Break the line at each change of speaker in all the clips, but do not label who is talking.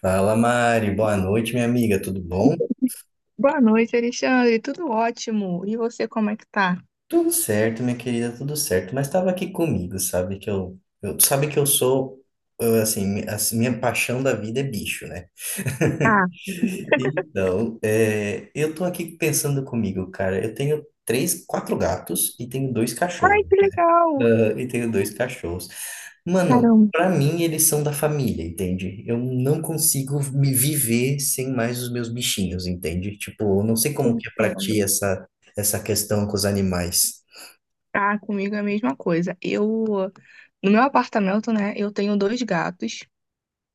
Fala, Mari. Boa noite, minha amiga. Tudo bom?
Boa noite, Alexandre. Tudo ótimo. E você, como é que tá?
Tudo certo, minha querida, tudo certo. Mas estava aqui comigo, sabe que eu sou eu, assim, mi- assim, minha paixão da vida é bicho, né?
Ah,
Então, eu tô aqui pensando comigo, cara. Eu tenho três, quatro gatos e tenho dois
ai,
cachorros.
que legal!
Ah, e tenho dois cachorros. Mano,
Caramba,
pra mim eles são da família, entende? Eu não consigo me viver sem mais os meus bichinhos, entende? Tipo, eu não sei como que é pra
entendo.
ti essa, essa questão com os animais.
Ah, comigo é a mesma coisa. Eu, no meu apartamento, né, eu tenho dois gatos,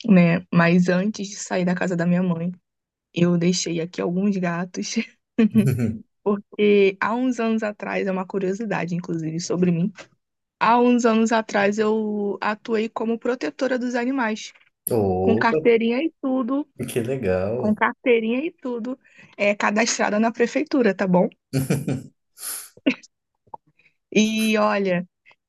né? Mas antes de sair da casa da minha mãe, eu deixei aqui alguns gatos. Porque há uns anos atrás, é uma curiosidade, inclusive, sobre mim. Há uns anos atrás, eu atuei como protetora dos animais, com
Oh,
carteirinha e tudo.
que
Com
legal.
carteirinha e tudo, é, cadastrada na prefeitura, tá bom? E olha,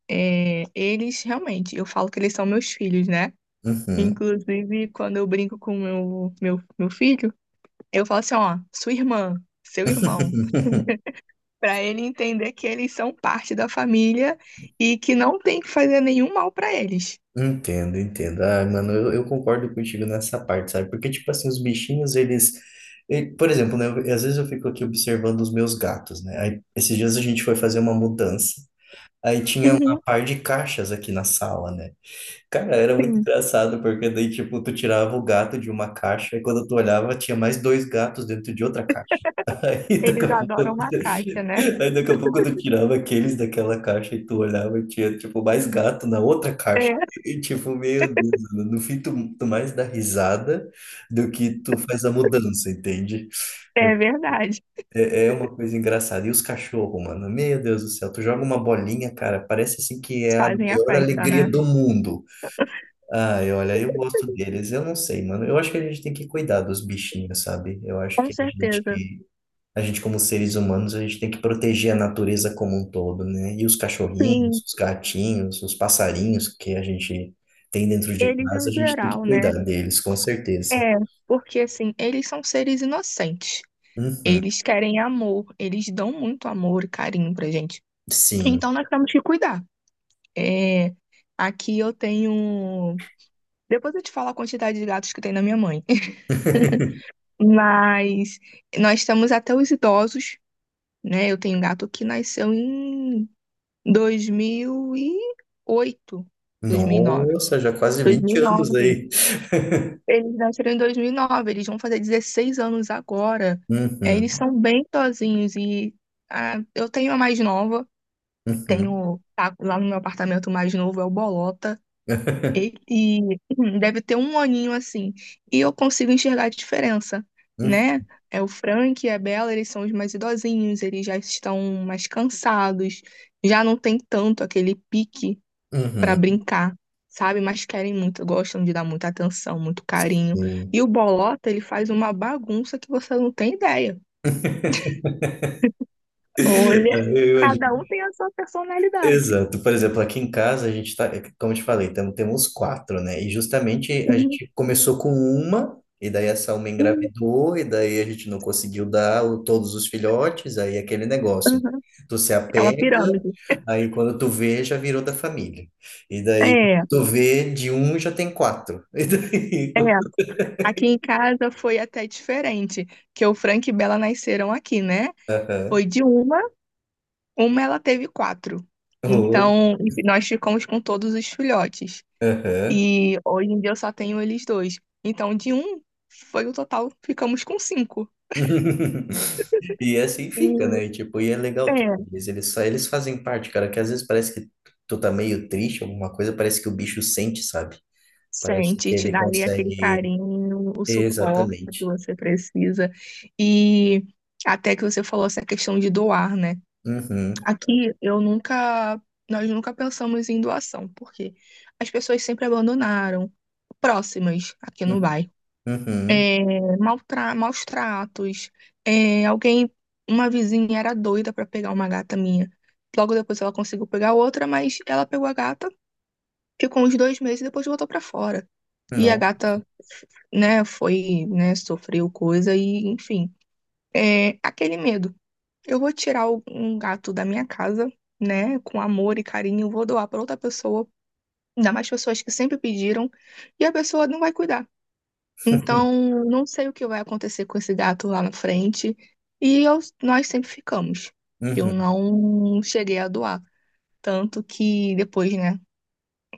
é, eles realmente, eu falo que eles são meus filhos, né?
Uhum.
Inclusive, quando eu brinco com meu filho, eu falo assim, ó, sua irmã, seu irmão, pra ele entender que eles são parte da família e que não tem que fazer nenhum mal pra eles.
Entendo, entendo. Ah, mano, eu concordo contigo nessa parte, sabe? Porque, tipo assim, os bichinhos, eles. Por exemplo, né? Às vezes eu fico aqui observando os meus gatos, né? Aí, esses dias a gente foi fazer uma mudança. Aí tinha uma
Uhum,
par de caixas aqui na sala, né? Cara, era muito
sim,
engraçado, porque daí, tipo, tu tirava o gato de uma caixa e quando tu olhava, tinha mais dois gatos dentro de outra caixa. Aí daqui
eles
a pouco,
adoram uma caixa, né?
daqui a pouco tu tirava aqueles daquela caixa e tu olhava e tinha, tipo, mais gato na outra caixa.
É,
E, tipo, meu Deus, mano, no fim tu mais dá risada do que tu faz a mudança, entende?
é verdade.
É, é uma coisa engraçada. E os cachorros, mano? Meu Deus do céu, tu joga uma bolinha, cara, parece assim que é a
Fazem a
maior
festa,
alegria
né?
do mundo. Ai, olha, eu gosto deles. Eu não sei, mano. Eu acho que a gente tem que cuidar dos bichinhos, sabe? Eu acho
Com
que
certeza.
a gente como seres humanos, a gente tem que proteger a natureza como um todo, né? E os
Sim,
cachorrinhos, os gatinhos, os passarinhos que a gente tem dentro de
eles
casa,
no
a gente tem que
geral,
cuidar
né?
deles, com certeza.
É, porque assim, eles são seres inocentes.
Uhum,
Eles querem amor, eles dão muito amor e carinho pra gente.
sim.
Então nós temos que cuidar. É, aqui eu tenho. Depois eu te falo a quantidade de gatos que tem na minha mãe. Mas nós temos até os idosos, né? Eu tenho um gato que nasceu em dois mil e oito, dois mil e nove,
Nossa, já quase
2008,
20 anos
2009. Nove.
aí.
Eles nasceram em 2009. Eles vão fazer 16 anos agora. É, eles
Uhum,
são bem tozinhos e ah, eu tenho a mais nova,
uhum,
tenho tá, lá no meu apartamento o mais novo é o Bolota. Ele deve ter um aninho assim e eu consigo enxergar a diferença,
uhum,
né? É o Frank e a Bella, eles são os mais idosinhos, eles já estão mais cansados, já não tem tanto aquele pique para
uhum,
brincar, sabe? Mas querem muito, gostam de dar muita atenção, muito carinho.
sim.
E o bolota, ele faz uma bagunça que você não tem ideia. Olha,
Eu
cada
imagino.
um tem a sua personalidade.
Exato. Por exemplo, aqui em casa a gente tá, como eu te falei, temos quatro, né? E justamente a
Uhum,
gente começou com uma, e daí essa uma
uhum,
engravidou, e daí a gente não conseguiu dar todos os filhotes, aí é aquele negócio, né?
uhum.
Tu se
É uma
apega,
pirâmide.
aí quando tu vê, já virou da família. E daí
É,
tu vê, de um já tem quatro. E
é.
daí.
Aqui em casa foi até diferente, que o Frank e Bela nasceram aqui, né?
Aham.
Foi de uma ela teve quatro.
Oh,
Então, enfim, nós ficamos com todos os filhotes.
aham.
E hoje em dia eu só tenho eles dois. Então, de um, foi o total, ficamos com 5.
E assim fica,
E
né? E, tipo, e é legal, tipo,
é,
eles fazem parte, cara, que às vezes parece que tu tá meio triste, alguma coisa, parece que o bicho sente, sabe? Parece
sente,
que
te
ele
dá ali aquele
consegue.
carinho, o suporte que
Exatamente.
você precisa. E até que você falou essa questão de doar, né?
Uhum.
Aqui eu nunca, nós nunca pensamos em doação, porque as pessoas sempre abandonaram próximas aqui no
Uhum.
bairro.
Uhum.
É, maltra- maus tratos. É, alguém, uma vizinha era doida para pegar uma gata minha. Logo depois ela conseguiu pegar outra, mas ela pegou a gata, ficou uns dois meses e depois voltou para fora. E a
Não.
gata, né, foi, né, sofreu coisa e, enfim, é aquele medo. Eu vou tirar o- um gato da minha casa, né, com amor e carinho, vou doar para outra pessoa, ainda mais pessoas que sempre pediram, e a pessoa não vai cuidar. Então, não sei o que vai acontecer com esse gato lá na frente. E eu- nós sempre ficamos. Eu
Uhum.
não cheguei a doar. Tanto que depois, né,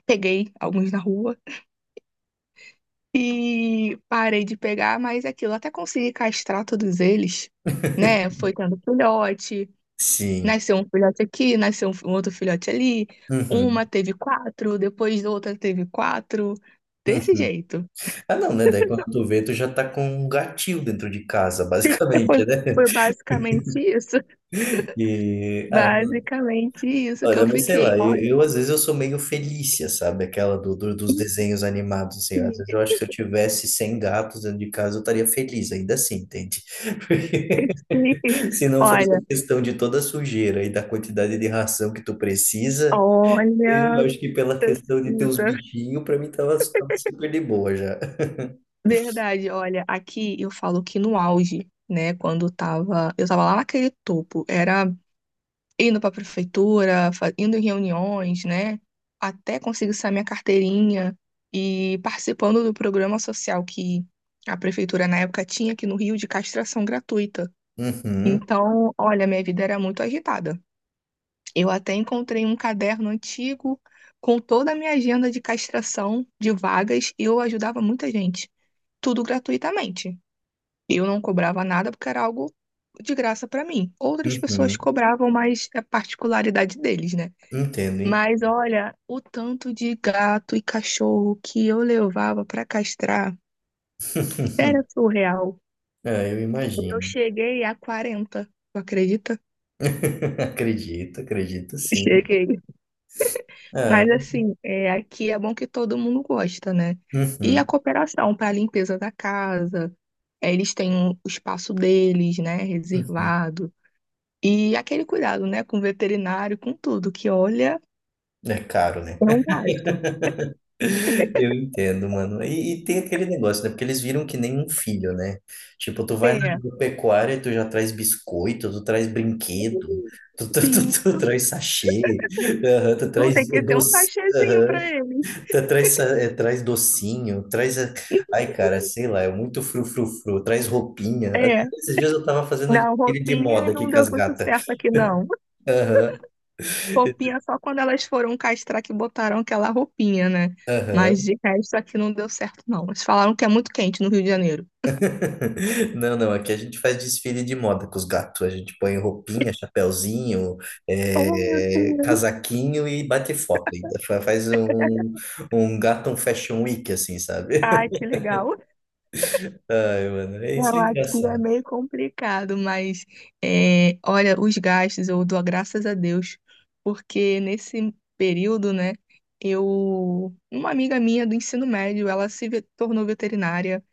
peguei alguns na rua e parei de pegar, mas aquilo, até consegui castrar todos eles, né? Foi tendo filhote,
Sim.
nasceu um filhote aqui, nasceu um outro filhote ali. Uma
Uhum.
teve quatro, depois outra teve quatro. Desse
Uhum.
jeito.
Ah, não, né? Daí quando tu vê, tu já tá com um gatil dentro de casa,
Foi,
basicamente, né?
foi basicamente isso.
E ah,
Basicamente isso que
olha,
eu
mas sei
fiquei.
lá,
Olha,
às vezes eu sou meio Felícia, sabe? Aquela dos desenhos animados, assim. Às
sim,
vezes
sim.
eu acho que se eu tivesse 100 gatos dentro de casa, eu estaria feliz, ainda assim, entende? Porque se não fosse a
Olha,
questão de toda a sujeira e da quantidade de ração que tu precisa, eu
olha,
acho que pela questão de ter os
precisa.
bichinhos, pra mim tava super de boa já.
Verdade, olha, aqui eu falo que no auge, né, quando tava, eu tava lá naquele topo, era indo pra prefeitura, fa- indo em reuniões, né, até conseguir sair minha carteirinha e participando do programa social que a prefeitura na época tinha aqui no Rio de castração gratuita.
Uhum,
Então, olha, minha vida era muito agitada. Eu até encontrei um caderno antigo com toda a minha agenda de castração de vagas e eu ajudava muita gente, tudo gratuitamente. Eu não cobrava nada porque era algo de graça para mim. Outras pessoas
uhum,
cobravam, mas é particularidade deles, né?
entendo, hein?
Mas olha, o tanto de gato e cachorro que eu levava para castrar era surreal.
Ah, eu
Eu
imagino.
cheguei a 40. Tu acredita?
Acredito, acredito sim.
Cheguei.
Ah,
Mas
mas-
assim, é, aqui é bom que todo mundo gosta, né? E a
uhum,
cooperação para a limpeza da casa, é, eles têm um- o espaço deles, né,
uhum.
reservado. E aquele cuidado, né, com o veterinário, com tudo, que olha,
É caro, né?
é um gasto.
Eu entendo, mano. E, tem aquele negócio, né? Porque eles viram que nem um filho, né? Tipo, tu vai na
É,
agropecuária e tu já traz biscoito, tu traz brinquedo, tu, tu, tu,
isso.
tu traz sachê, aham, tu
Não tem
traz
que ter um
doce,
sachêzinho para
aham,
eles.
tu traz, traz docinho, Ai, cara, sei lá, é muito frufrufru, traz roupinha.
É,
Esses dias eu tava fazendo
não,
aquele de moda
roupinha
aqui
não
com
deu
as
muito
gatas.
certo aqui, não.
Aham,
Roupinha só quando elas foram castrar que botaram aquela roupinha, né? Mas
aham.
de resto aqui não deu certo, não. Eles falaram que é muito quente no Rio de Janeiro.
Não, não, aqui a gente faz desfile de moda com os gatos. A gente põe roupinha, chapéuzinho,
Oh, meu Deus.
casaquinho e bate foto ainda. Faz um gato um fashion week, assim, sabe?
Ai, que legal.
Ai, mano, é isso
Não,
é
aqui é
engraçado.
meio complicado, mas é, olha, os gastos eu dou graças a Deus, porque nesse período, né, eu, uma amiga minha do ensino médio, ela se ve- tornou veterinária,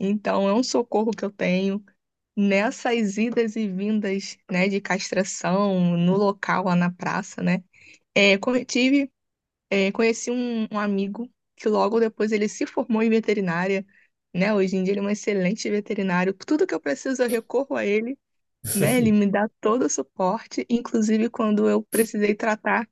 então é um socorro que eu tenho nessas idas e vindas, né, de castração no local lá na praça, né. É, co- tive. É, conheci um amigo que logo depois ele se formou em veterinária, né? Hoje em dia ele é um excelente veterinário. Tudo que eu preciso eu recorro a ele, né? Ele me dá todo o suporte, inclusive quando eu precisei tratar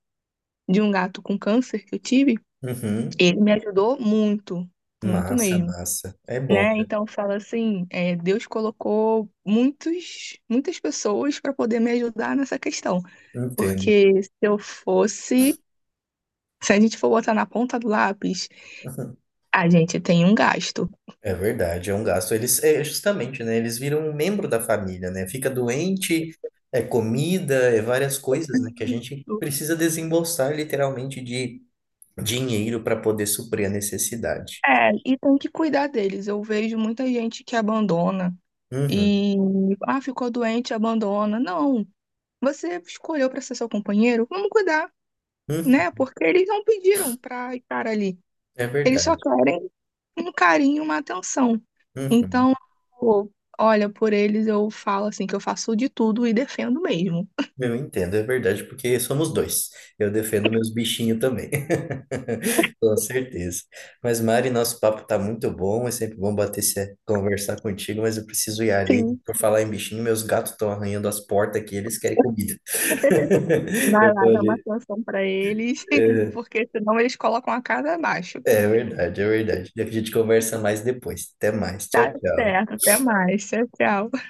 de um gato com câncer que eu tive,
Uhum.
ele me ajudou muito, muito
Massa,
mesmo,
massa. É bom,
né?
né?
Então eu falo assim, é, Deus colocou muitos, muitas pessoas para poder me ajudar nessa questão,
Entendo.
porque se eu fosse, se a gente for botar na ponta do lápis. A gente tem um gasto.
É verdade, é um gasto. Eles, é justamente, né? Eles viram um membro da família, né? Fica doente, é comida, é várias coisas, né? Que a gente
Isso.
precisa desembolsar literalmente de dinheiro para poder suprir a necessidade.
É, e tem que cuidar deles. Eu vejo muita gente que abandona
Uhum,
e, ah, ficou doente, abandona. Não, você escolheu para ser seu companheiro, vamos cuidar, né?
uhum,
Porque eles não pediram para estar ali.
é
Eles só
verdade.
querem um carinho, uma atenção.
Uhum.
Então, pô, olha, por eles eu falo assim que eu faço de tudo e defendo mesmo.
Eu entendo, é verdade, porque somos dois. Eu defendo meus bichinhos também. Com certeza. Mas, Mari, nosso papo tá muito bom. É sempre bom bater esse, conversar contigo, mas eu preciso ir ali.
Sim.
Por falar em bichinho, meus gatos estão arranhando as portas aqui, eles querem comida.
Vai
Eu
lá,
vou
dá uma
ali.
atenção pra eles,
É,
porque senão eles colocam a casa abaixo.
é verdade, é verdade. A gente conversa mais depois. Até mais. Tchau,
Tá
tchau.
certo, até mais. Tchau, tchau.